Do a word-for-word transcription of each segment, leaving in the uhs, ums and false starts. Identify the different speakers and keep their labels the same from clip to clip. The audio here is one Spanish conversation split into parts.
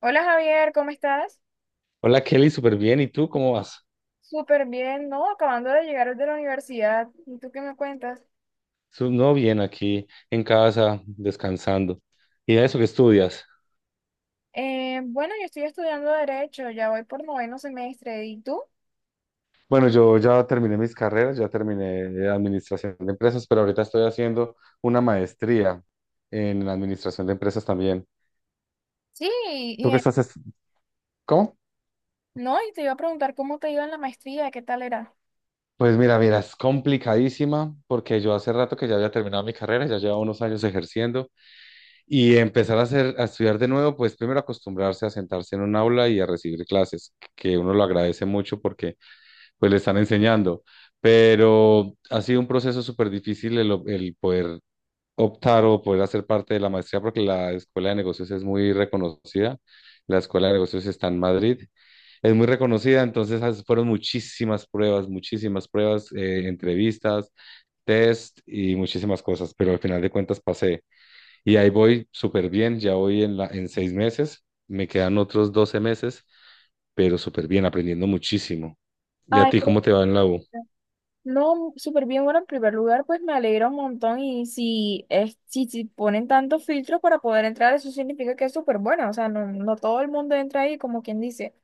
Speaker 1: Hola Javier, ¿cómo estás?
Speaker 2: Hola Kelly, súper bien. ¿Y tú cómo vas?
Speaker 1: Súper bien, ¿no? Acabando de llegar de la universidad. ¿Y tú qué me cuentas?
Speaker 2: Su- No, bien, aquí en casa, descansando. ¿Y eso qué estudias?
Speaker 1: Eh, bueno, yo estoy estudiando Derecho, ya voy por noveno semestre. ¿Y tú?
Speaker 2: Bueno, yo ya terminé mis carreras, ya terminé de administración de empresas, pero ahorita estoy haciendo una maestría en administración de empresas también.
Speaker 1: Sí,
Speaker 2: ¿Tú
Speaker 1: y,
Speaker 2: qué
Speaker 1: eh,
Speaker 2: estás? es- ¿Cómo?
Speaker 1: no, y te iba a preguntar cómo te iba en la maestría, ¿qué tal era?
Speaker 2: Pues mira, mira, es complicadísima porque yo hace rato que ya había terminado mi carrera, ya llevaba unos años ejerciendo y empezar a hacer, a estudiar de nuevo, pues primero acostumbrarse a sentarse en un aula y a recibir clases, que uno lo agradece mucho pues le están enseñando. Pero ha sido un proceso súper difícil el, o- el poder optar o poder hacer parte de la maestría porque la escuela de negocios es muy reconocida. La escuela de negocios está en Madrid. Es muy reconocida, entonces as- fueron muchísimas pruebas, muchísimas pruebas, eh, entrevistas, test y muchísimas cosas, pero al final de cuentas pasé. Y ahí voy súper bien, ya voy en, la, en seis meses, me quedan otros doce meses, pero súper bien, aprendiendo muchísimo. ¿Y a
Speaker 1: Ay,
Speaker 2: ti
Speaker 1: pero-
Speaker 2: cómo te va en la U?
Speaker 1: no, súper bien. Bueno, en primer lugar, pues me alegra un montón. Y si, es, si, si ponen tantos filtros para poder entrar, eso significa que es súper bueno. O sea, no, no todo el mundo entra ahí, como quien dice.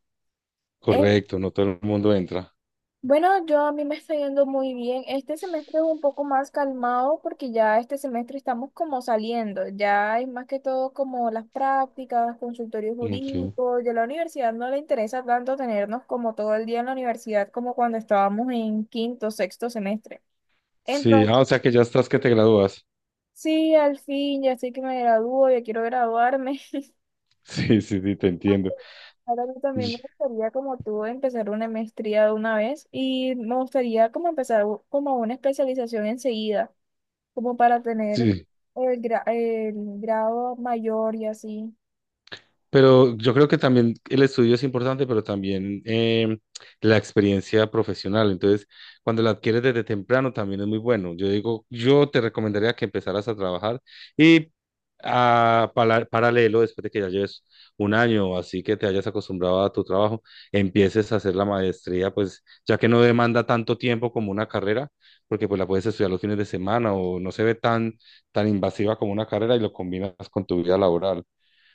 Speaker 1: Eh,
Speaker 2: Correcto, no todo el mundo entra.
Speaker 1: Bueno, yo a mí me está yendo muy bien. Este semestre es un poco más calmado porque ya este semestre estamos como saliendo. Ya es más que todo como las prácticas, consultorios
Speaker 2: Ok.
Speaker 1: jurídicos. Ya la universidad no le interesa tanto tenernos como todo el día en la universidad como cuando estábamos en quinto, sexto semestre.
Speaker 2: Sí, ah,
Speaker 1: Entonces,
Speaker 2: o sea que ya estás que te gradúas.
Speaker 1: sí, al fin, ya sé que me gradúo, ya quiero graduarme.
Speaker 2: Sí, sí, sí, te entiendo.
Speaker 1: Ahora yo también me
Speaker 2: Y-
Speaker 1: gustaría, como tú, empezar una maestría de una vez y me gustaría como empezar u- como una especialización enseguida. Como para tener
Speaker 2: Sí,
Speaker 1: el, gra- el grado mayor y así.
Speaker 2: pero yo creo que también el estudio es importante, pero también em, la experiencia profesional. Entonces, cuando la adquieres desde temprano también es muy bueno. Yo digo, yo te recomendaría que empezaras a trabajar y a pala- paralelo, después de que ya lleves un año o así que te hayas acostumbrado a tu trabajo, empieces a hacer la maestría, pues ya que no demanda tanto tiempo como una carrera, porque pues la puedes estudiar los fines de semana o no se ve tan, tan invasiva como una carrera y lo combinas con tu vida laboral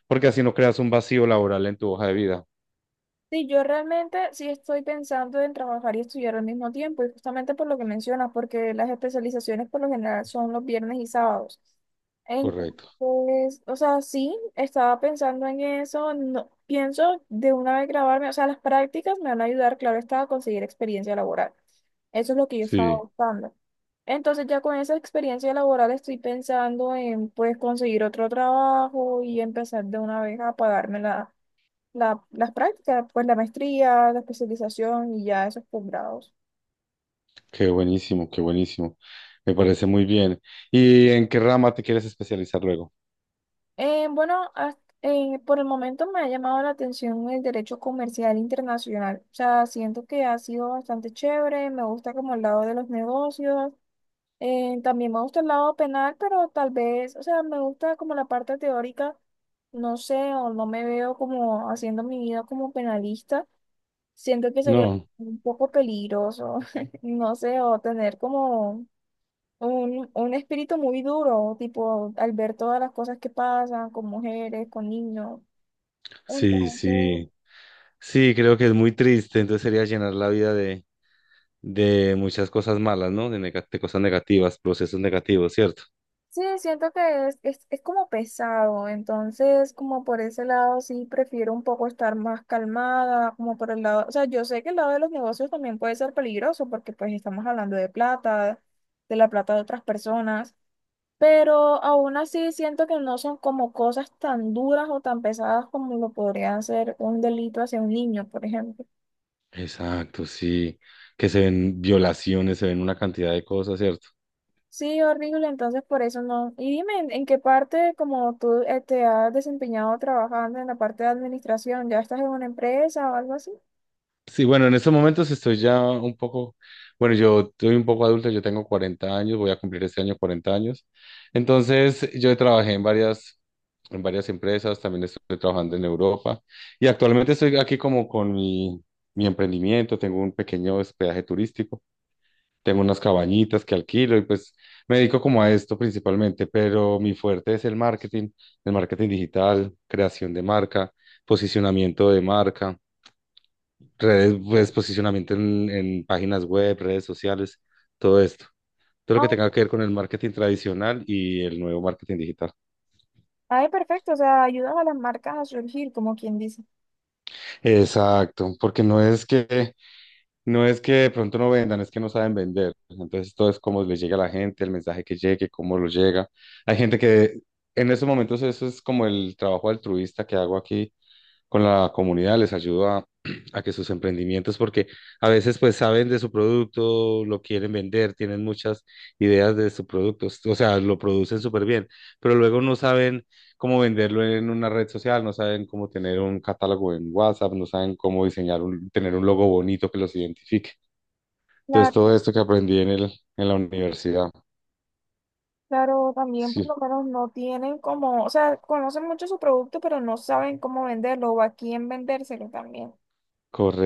Speaker 2: porque así no creas un vacío laboral en tu hoja de vida.
Speaker 1: Sí, yo realmente sí estoy pensando en trabajar y estudiar al mismo tiempo, y justamente por lo que mencionas, porque las especializaciones por lo general son los viernes y sábados.
Speaker 2: Correcto.
Speaker 1: Entonces, o sea, sí, estaba pensando en eso, no, pienso de una vez grabarme, o sea, las prácticas me van a ayudar, claro está, a conseguir experiencia laboral. Eso es lo que yo estaba
Speaker 2: Sí,
Speaker 1: buscando. Entonces, ya con esa experiencia laboral estoy pensando en, pues, conseguir otro trabajo y empezar de una vez a pagarme la la- las prácticas, pues la maestría, la especialización y ya esos posgrados.
Speaker 2: qué buenísimo, qué buenísimo. Me parece muy bien. ¿Y en qué rama te quieres especializar luego?
Speaker 1: Eh, bueno, has- eh, por el momento me ha llamado la atención el derecho comercial internacional. O sea, siento que ha sido bastante chévere, me gusta como el lado de los negocios, eh, también me gusta el lado penal, pero tal vez, o sea, me gusta como la parte teórica, no sé, o no me veo como haciendo mi vida como penalista. Siento que sería
Speaker 2: No,
Speaker 1: un poco peligroso, no sé, o tener como Un, un espíritu muy duro, tipo al ver todas las cosas que pasan con mujeres, con niños.
Speaker 2: sí,
Speaker 1: Entonces,
Speaker 2: sí, sí, creo que es muy triste, entonces sería llenar la vida de, de muchas cosas malas, ¿no? De, nega- de cosas negativas, procesos negativos, ¿cierto?
Speaker 1: sí, siento que es, es, es como pesado. Entonces, como por ese lado, sí, prefiero un poco estar más calmada, como por el lado, o sea, yo sé que el lado de los negocios también puede ser peligroso porque pues estamos hablando de plata, de la plata de otras personas. Pero aún así siento que no son como cosas tan duras o tan pesadas como lo podrían ser un delito hacia un niño, por ejemplo.
Speaker 2: Exacto, sí. Que se ven violaciones, se ven una cantidad de cosas, ¿cierto?
Speaker 1: Sí, horrible, entonces por eso no. Y dime, ¿en, en qué parte, como tú eh, te has desempeñado trabajando en la parte de administración, ya estás en una empresa o algo así?
Speaker 2: Sí, bueno, en estos momentos estoy ya un poco, bueno, yo soy un poco adulto, yo tengo cuarenta años, voy a cumplir este año cuarenta años. Entonces, yo trabajé en varias, en varias empresas, también estoy trabajando en Europa y actualmente estoy aquí como con mi, mi emprendimiento, tengo un pequeño hospedaje turístico, tengo unas cabañitas que alquilo y pues me dedico como a esto principalmente, pero mi fuerte es el marketing, el marketing digital, creación de marca, posicionamiento de marca redes, pues, posicionamiento en, en páginas web, redes sociales, todo esto. Todo lo que
Speaker 1: Oh,
Speaker 2: tenga que ver con el marketing tradicional y el nuevo marketing digital.
Speaker 1: ay, perfecto, o sea, ayudas a las marcas a surgir, como quien dice.
Speaker 2: Exacto, porque no es que, no es que de pronto no vendan, es que no saben vender. Entonces todo es cómo les llega a la gente, el mensaje que llegue, cómo lo llega. Hay gente que en estos momentos eso es como el trabajo altruista que hago aquí con la comunidad, les ayudo a, a que sus emprendimientos, porque a veces pues saben de su producto, lo quieren vender, tienen muchas ideas de su producto, o sea, lo producen súper bien, pero luego no saben cómo venderlo en una red social, no saben cómo tener un catálogo en WhatsApp, no saben cómo diseñar un, tener un logo bonito que los identifique. Entonces,
Speaker 1: Claro,
Speaker 2: todo esto que aprendí en el, en la universidad.
Speaker 1: claro, también por lo
Speaker 2: Sí,
Speaker 1: menos no tienen como, o sea, conocen mucho su producto, pero no saben cómo venderlo o a quién vendérselo también.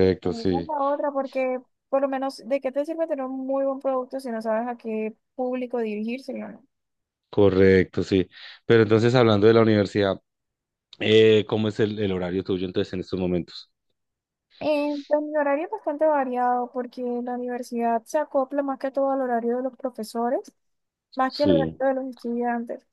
Speaker 1: Pues esa es
Speaker 2: sí,
Speaker 1: la otra, porque por lo menos, ¿de qué te sirve tener un muy buen producto si no sabes a qué público dirigírselo, no?
Speaker 2: correcto, sí. Pero entonces, hablando de la universidad, eh, ¿cómo es el, el horario tuyo entonces en estos momentos?
Speaker 1: Eh, pues, mi horario es bastante variado porque la universidad se acopla más que todo al horario de los profesores, más que al horario
Speaker 2: Sí,
Speaker 1: de los estudiantes.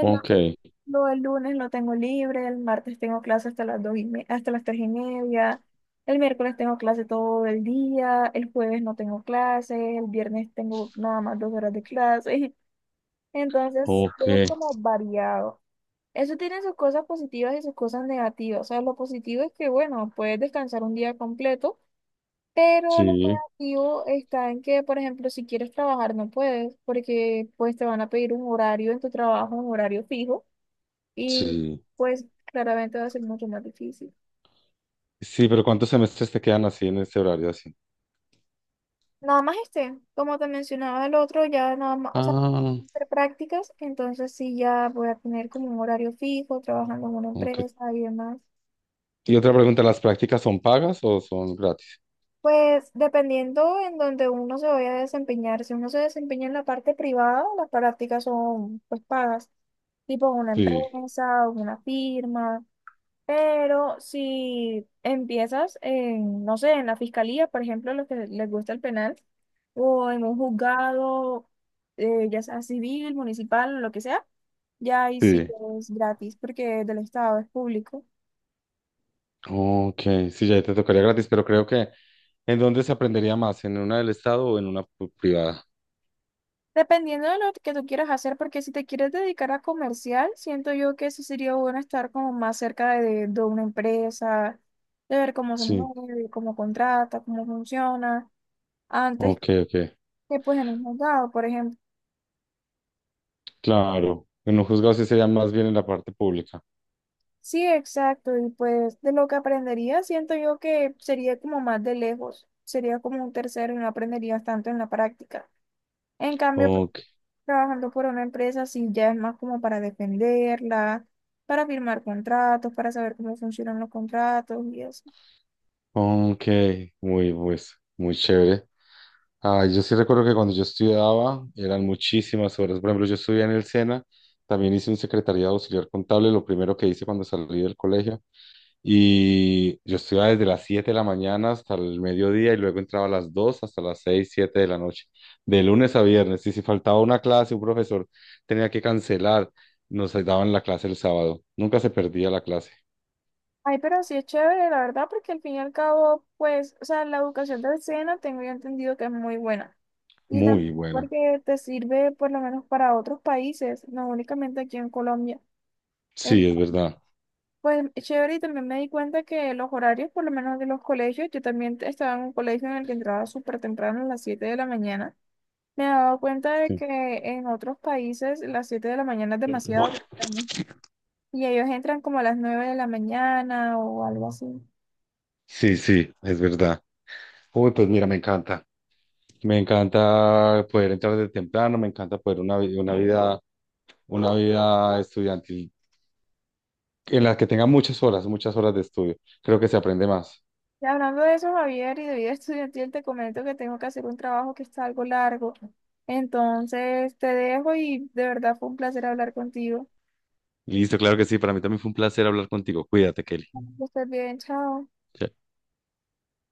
Speaker 2: ok,
Speaker 1: lo del lunes lo tengo libre, el martes tengo clase hasta las dos y me- hasta las tres y media, el miércoles tengo clase todo el día, el jueves no tengo clase, el viernes tengo nada más dos horas de clase. Entonces,
Speaker 2: ok,
Speaker 1: es como variado. Eso tiene sus cosas positivas y sus cosas negativas. O sea, lo positivo es que, bueno, puedes descansar un día completo. Pero lo
Speaker 2: sí,
Speaker 1: negativo está en que, por ejemplo, si quieres trabajar no puedes, porque pues te van a pedir un horario en tu trabajo, un horario fijo, y
Speaker 2: sí.
Speaker 1: pues claramente va a ser mucho más difícil.
Speaker 2: Sí, pero ¿cuántos semestres te quedan así en este horario así?
Speaker 1: Nada más este, como te mencionaba el otro, ya nada más, o sea,
Speaker 2: Ah,
Speaker 1: hacer prácticas, entonces sí ya voy a tener como un horario fijo, trabajando en una
Speaker 2: ok.
Speaker 1: empresa y demás.
Speaker 2: Y otra pregunta, ¿las prácticas son pagas o son gratis?
Speaker 1: Pues dependiendo en donde uno se vaya a desempeñar, si uno se desempeña en la parte privada, las prácticas son pues pagas, tipo en una
Speaker 2: Sí,
Speaker 1: empresa o una firma, pero si empiezas en, no sé, en la fiscalía, por ejemplo, los que les gusta el penal, o en un juzgado, eh, ya sea civil, municipal, lo que sea, ya ahí sí
Speaker 2: sí.
Speaker 1: es gratis porque es del Estado, es público.
Speaker 2: Ok, sí, ya te tocaría gratis, pero creo que ¿en dónde se aprendería más? ¿En una del Estado o en una pu- privada?
Speaker 1: Dependiendo de lo que tú quieras hacer, porque si te quieres dedicar a comercial, siento yo que sí sería bueno estar como más cerca de, de una empresa, de ver cómo se
Speaker 2: Sí,
Speaker 1: mueve, cómo contrata, cómo funciona, antes
Speaker 2: ok, ok.
Speaker 1: que pues en un juzgado, por ejemplo.
Speaker 2: Claro, en un juzgado sí sería más bien en la parte pública.
Speaker 1: Sí, exacto, y pues de lo que aprendería, siento yo que sería como más de lejos, sería como un tercero y no aprenderías tanto en la práctica. En cambio, pues,
Speaker 2: Ok,
Speaker 1: trabajando por una empresa, sí, ya es más como para defenderla, para firmar contratos, para saber cómo funcionan los contratos y eso.
Speaker 2: ok, muy, pues, muy chévere. Ah, yo sí recuerdo que cuando yo estudiaba eran muchísimas horas. Por ejemplo, yo estudié en el SENA, también hice un secretariado auxiliar contable, lo primero que hice cuando salí del colegio. Y yo estudiaba desde las siete de la mañana hasta el mediodía y luego entraba a las dos hasta las seis siete de la noche, de lunes a viernes. Y si faltaba una clase, un profesor tenía que cancelar, nos daban la clase el sábado. Nunca se perdía la clase.
Speaker 1: Ay, pero sí es chévere, la verdad, porque al fin y al cabo, pues, o sea, la educación de escena tengo yo entendido que es muy buena. Y
Speaker 2: Muy
Speaker 1: también
Speaker 2: buena.
Speaker 1: porque te sirve por lo menos para otros países, no únicamente aquí en Colombia.
Speaker 2: Sí, es
Speaker 1: Entonces,
Speaker 2: verdad.
Speaker 1: pues es chévere y también me di cuenta que los horarios, por lo menos de los colegios, yo también te- estaba en un colegio en el que entraba súper temprano a las siete de la mañana. Me he dado cuenta de
Speaker 2: Sí,
Speaker 1: que en otros países las siete de la mañana es demasiado temprano y ellos entran como a las nueve de la mañana o algo así.
Speaker 2: sí, sí, es verdad. Uy, pues mira, me encanta. Me encanta poder entrar de temprano, me encanta poder una, vi- una vida, una vida estudiantil en la que tenga muchas horas, muchas horas de estudio. Creo que se aprende más.
Speaker 1: Y hablando de eso, Javier, y de vida estudiantil, te comento que tengo que hacer un trabajo que está algo largo. Entonces, te dejo y de verdad fue un placer hablar contigo.
Speaker 2: Listo, claro que sí. Para mí también fue un placer hablar contigo. Cuídate, Kelly.
Speaker 1: Que estés bien, chao.
Speaker 2: Chao.